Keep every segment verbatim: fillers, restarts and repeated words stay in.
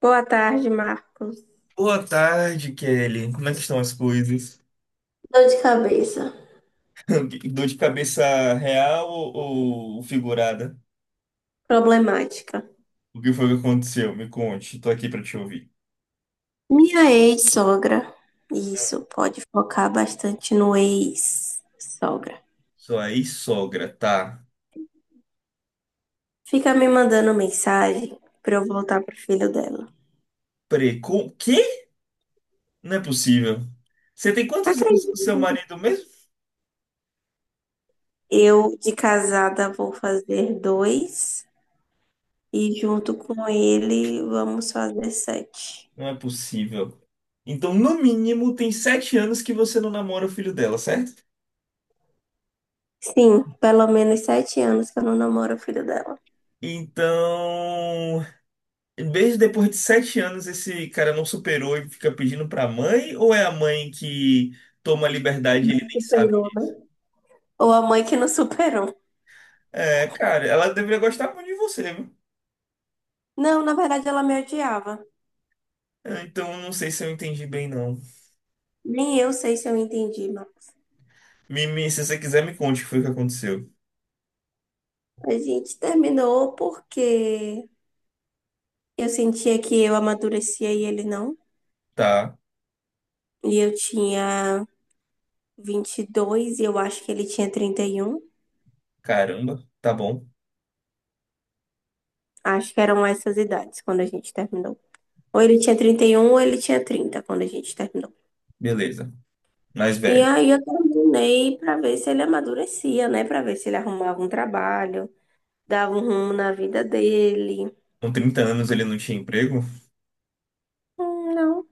Boa tarde, Marcos. Boa tarde, Kelly. Como é que estão as coisas? Dor de cabeça. Dor de cabeça real ou, ou figurada? Problemática. O que foi que aconteceu? Me conte. Tô aqui pra te ouvir. Minha ex-sogra. Isso, pode focar bastante no ex-sogra. Sua ex-sogra tá. Fica me mandando mensagem pra eu voltar pro filho dela. Preco? Quê? Não é possível. Você tem quantos anos Acredito. com seu marido mesmo? Eu, de casada, vou fazer dois. E junto com ele, vamos fazer sete. Não é possível. Então, no mínimo, tem sete anos que você não namora o filho dela, certo? Sim, pelo menos sete anos que eu não namoro o filho dela. Então, mesmo depois de sete anos, esse cara não superou e fica pedindo pra mãe? Ou é a mãe que toma liberdade e ele nem sabe? Superou, né? Ou a mãe que não superou. É, cara, ela deveria gostar muito de você, viu? Não, na verdade, ela me odiava. É, então, não sei se eu entendi bem, não. Nem eu sei se eu entendi, mas Me, me- se você quiser, me conte o que foi que aconteceu. a gente terminou porque eu sentia que eu amadurecia e ele não. Tá, E eu tinha vinte e dois e eu acho que ele tinha trinta e um. caramba, tá bom, Acho que eram essas idades quando a gente terminou. Ou ele tinha trinta e um ou ele tinha trinta quando a gente terminou. beleza. Mais E velha. aí eu terminei pra ver se ele amadurecia, né? Pra ver se ele arrumava um trabalho, dava um rumo na vida dele. Com trinta anos ele não tinha emprego? Hum, Não,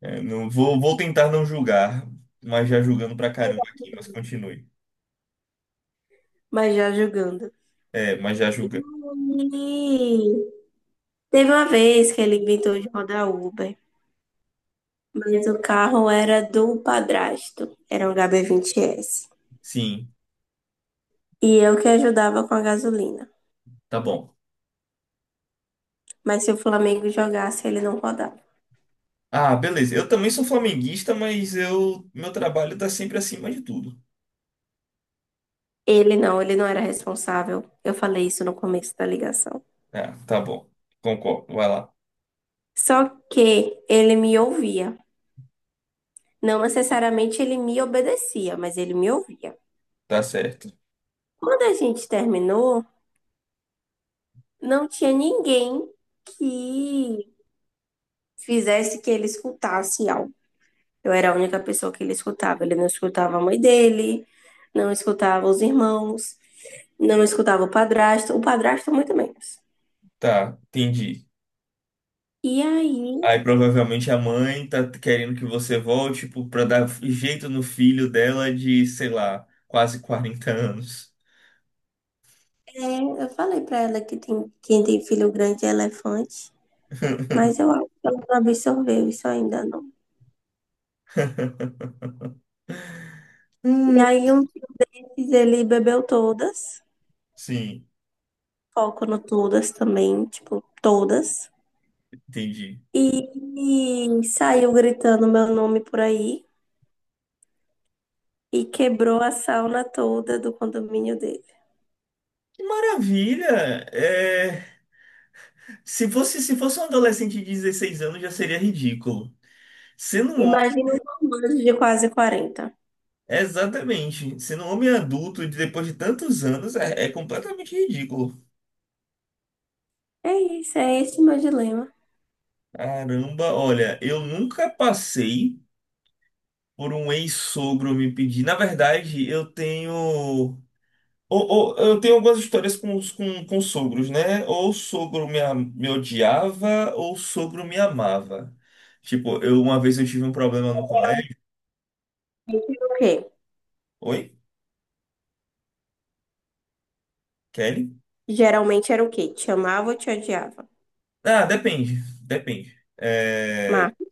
É, não, vou, vou tentar não julgar, mas já julgando pra caramba aqui, mas continue. mas já julgando. É, mas já julga. E Teve uma vez que ele inventou de rodar Uber, mas o carro era do padrasto, era um H B vinte S. Sim, E eu que ajudava com a gasolina. tá bom. Mas se o Flamengo jogasse, ele não rodava. Ah, beleza. Eu também sou flamenguista, mas eu meu trabalho tá sempre acima de tudo. Ele não, ele não era responsável. Eu falei isso no começo da ligação. Ah, tá bom. Concordo. Vai lá. Só que ele me ouvia. Não necessariamente ele me obedecia, mas ele me ouvia. Tá certo. Quando a gente terminou, não tinha ninguém que fizesse que ele escutasse algo. Eu era a única pessoa que ele escutava. Ele não escutava a mãe dele, não escutava os irmãos, não escutava o padrasto, o padrasto muito menos. Tá, entendi. E aí, Aí provavelmente a mãe tá querendo que você volte, tipo, pra dar jeito no filho dela de, sei lá, quase quarenta anos. é, eu falei pra ela que tem, quem tem filho grande é elefante, mas eu acho que ela não absorveu isso ainda não. E Ai, aí, um dia ele bebeu todas, sim, foco no todas também, tipo, todas. entendi. E, e saiu gritando meu nome por aí e quebrou a sauna toda do condomínio dele. Que maravilha! É, se fosse, se fosse um adolescente de dezesseis anos, já seria ridículo. Sendo um Imagina um romance de quase quarenta. Exatamente. Sendo um homem adulto e depois de tantos anos é, é completamente ridículo. É isso, é esse o meu dilema. Caramba, olha, eu nunca passei por um ex-sogro me pedir. Na verdade, eu tenho. Ou, ou- eu tenho algumas histórias com, os- com, com sogros, né? Ou o sogro me, a- me odiava, ou o sogro me amava. Tipo, eu uma vez eu tive um problema no colégio. Geralmente era o quê? Oi, Kelly? Geralmente era o quê? Te amava ou te odiava? Ah, depende. Depende. É, Marcos,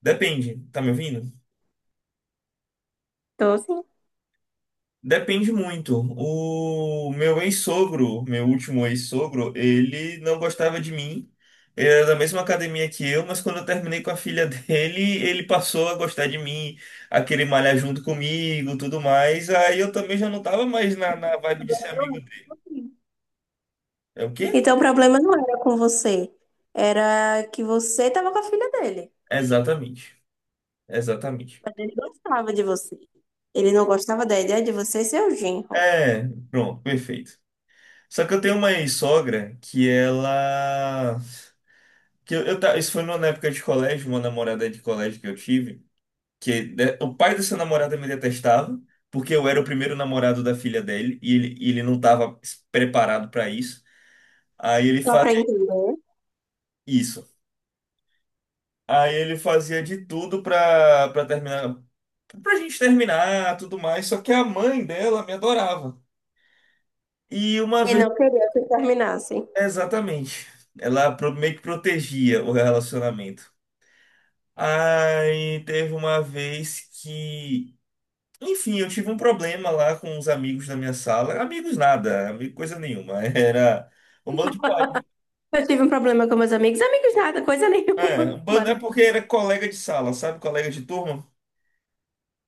depende. Tá me ouvindo? então assim. Depende muito. O meu ex-sogro, meu último ex-sogro, ele não gostava de mim. Ele era da mesma academia que eu, mas quando eu terminei com a filha dele, ele passou a gostar de mim, a querer malhar junto comigo, tudo mais. Aí eu também já não tava mais na, na vibe de ser amigo dele. É o quê? Então o problema não era com você. Era que você tava com a filha dele. Exatamente. Exatamente. Mas ele gostava de você. Ele não gostava da ideia de você ser o genro. É, pronto, perfeito. Só que eu tenho uma ex-sogra que ela. Que eu, eu ta- isso foi numa época de colégio, uma namorada de colégio que eu tive. Que né, o pai dessa namorada me detestava, porque eu era o primeiro namorado da filha dele e ele, e ele não estava preparado para isso. Aí ele Só pra fazia entender. isso. Aí ele fazia de tudo para para terminar, pra gente terminar, tudo mais, só que a mãe dela me adorava. E uma E vez, não queria que terminassem. exatamente, ela pro- meio que protegia o relacionamento. Aí teve uma vez que enfim, eu tive um problema lá com os amigos da minha sala. Amigos nada, amigo coisa nenhuma. Era um bando de pai. Né? Eu tive um problema com meus amigos. Amigos nada, coisa É, nenhuma. um bando Mas é porque era colega de sala, sabe? Colega de turma.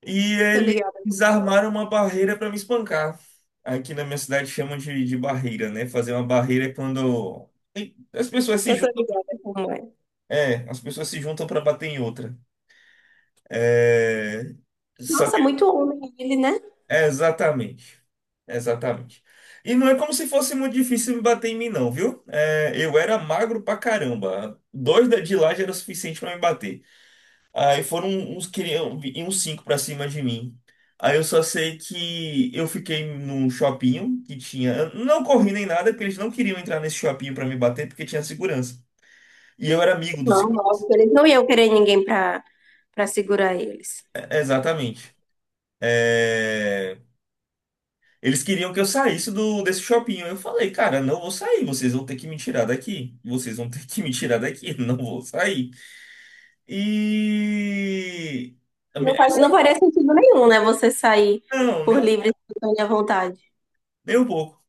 E tô ligada. eles armaram uma barreira para me espancar. Aqui na minha cidade chamam de, de barreira, né? Fazer uma barreira é quando as pessoas se Eu tô juntam. ligada como é. É, as pessoas se juntam para bater em outra. É, Nossa, muito homem ele, né? é, exatamente. Exatamente. E não é como se fosse muito difícil me bater em mim, não, viu? É, eu era magro pra caramba. Dois da- de lá já era o suficiente pra me bater. Aí foram uns, cri- e uns cinco pra cima de mim. Aí eu só sei que eu fiquei num shopping que tinha. Eu não corri nem nada, porque eles não queriam entrar nesse shopping pra me bater, porque tinha segurança. E eu era amigo do. se- Não, óbvio, eles não iam querer ninguém pra, pra segurar eles. É, exatamente. É, eles queriam que eu saísse do, desse shopping. Eu falei, cara, não vou sair, vocês vão ter que me tirar daqui. Vocês vão ter que me tirar daqui, não vou sair. E. a Não minha- faz, essa- não faria sentido nenhum, né? Você sair Não, nem por um, livre e espontânea vontade. nem um pouco.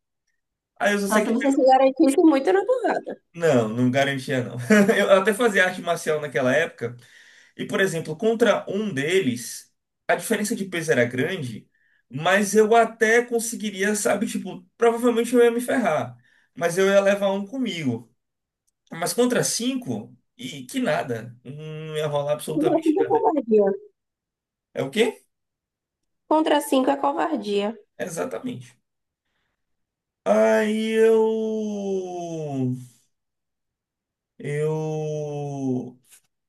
Aí eu só Só sei se que. você se garantisse muito na porrada. Não, não garantia, não. Eu até fazia arte marcial naquela época. E, por exemplo, contra um deles, a diferença de peso era grande, mas eu até conseguiria, sabe, tipo, provavelmente eu ia me ferrar. Mas eu ia levar um comigo. Mas contra cinco, e que nada. Não ia rolar Contra absolutamente cinco é nada. covardia. É o quê? Contra cinco é covardia. Exatamente. Aí eu. Eu.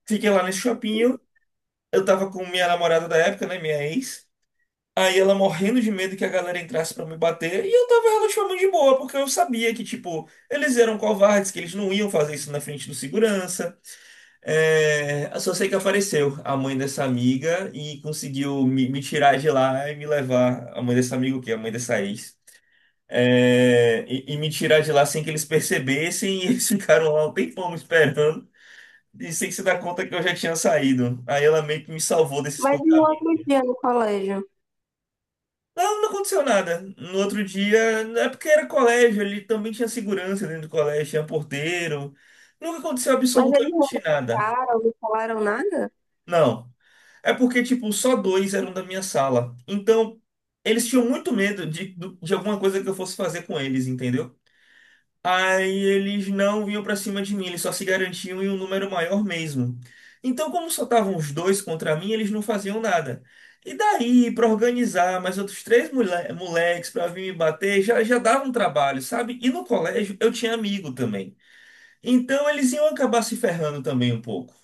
Fiquei lá nesse shopping. Eu eu tava com minha namorada da época, né? Minha ex. Aí ela morrendo de medo que a galera entrasse pra me bater. E eu tava relativamente de boa, porque eu sabia que, tipo, eles eram covardes, que eles não iam fazer isso na frente do segurança. É, eu só sei que apareceu a mãe dessa amiga e conseguiu me, me tirar de lá e me levar. A mãe dessa amiga, o quê? A mãe dessa ex. É, e, e me tirar de lá sem que eles percebessem e eles ficaram lá um tempão me esperando e sem se dar conta que eu já tinha saído. Aí ela meio que me salvou desse Mas e o espantamento. outro dia no colégio? Não, não aconteceu nada. No outro dia, é porque era colégio, ele também tinha segurança dentro do colégio, tinha porteiro. Nunca aconteceu Mas eles não absolutamente nada. abraçaram, não falaram nada? Não. É porque, tipo, só dois eram da minha sala. Então, eles tinham muito medo de, do- de alguma coisa que eu fosse fazer com eles, entendeu? Aí eles não vinham pra cima de mim, eles só se garantiam em um número maior mesmo. Então, como só estavam os dois contra mim, eles não faziam nada. E daí, pra organizar mais outros três mole- moleques pra vir me bater, já, já dava um trabalho, sabe? E no colégio eu tinha amigo também. Então, eles iam acabar se ferrando também um pouco.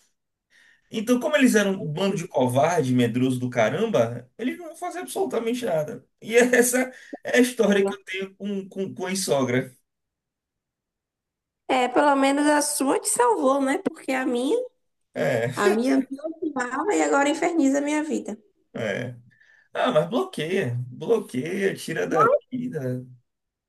Então, como eles eram um bando de covarde, medroso do caramba, eles não vão fazer absolutamente nada. E essa é a história que Pena. eu tenho com, com, com a sogra. É, pelo menos a sua te salvou, né? Porque a minha, É, a minha me odiava e agora inferniza a minha vida. é. Ah, mas bloqueia, bloqueia, tira da vida.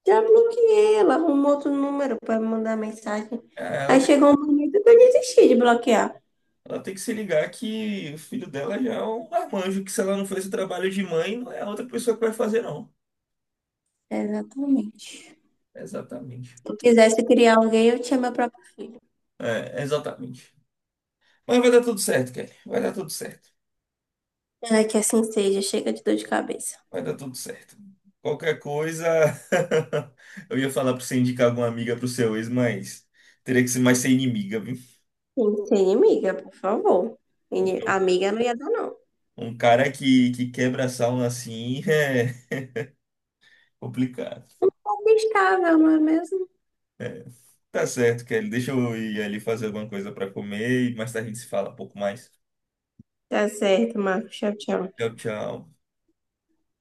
Já bloqueei, ela arrumou outro número para me mandar mensagem. Ah, ela Aí tem, chegou um momento que eu desisti de bloquear. ela tem que se ligar que o filho dela já é um marmanjo, que se ela não fez o trabalho de mãe, não é a outra pessoa que vai fazer, não. Exatamente. Exatamente. Se eu quisesse criar alguém, eu tinha meu próprio filho. É, exatamente. Mas vai dar tudo certo, Kelly. Vai dar tudo certo. Ai, que assim seja, chega de dor de cabeça. Vai dar tudo certo. Qualquer coisa, eu ia falar pra você indicar alguma amiga pro seu ex, mas teria que ser mais ser inimiga, viu? Sim, ser inimiga, por favor. Ini- Então, Amiga não ia dar, não. um cara que, que quebra a sauna assim é complicado. Amigável, não é mesmo? É, tá certo, Kelly. Deixa eu ir ali fazer alguma coisa pra comer e mais tarde a gente se fala um pouco mais. Tá certo, Marcos. Tchau, tchau. Tchau, tchau.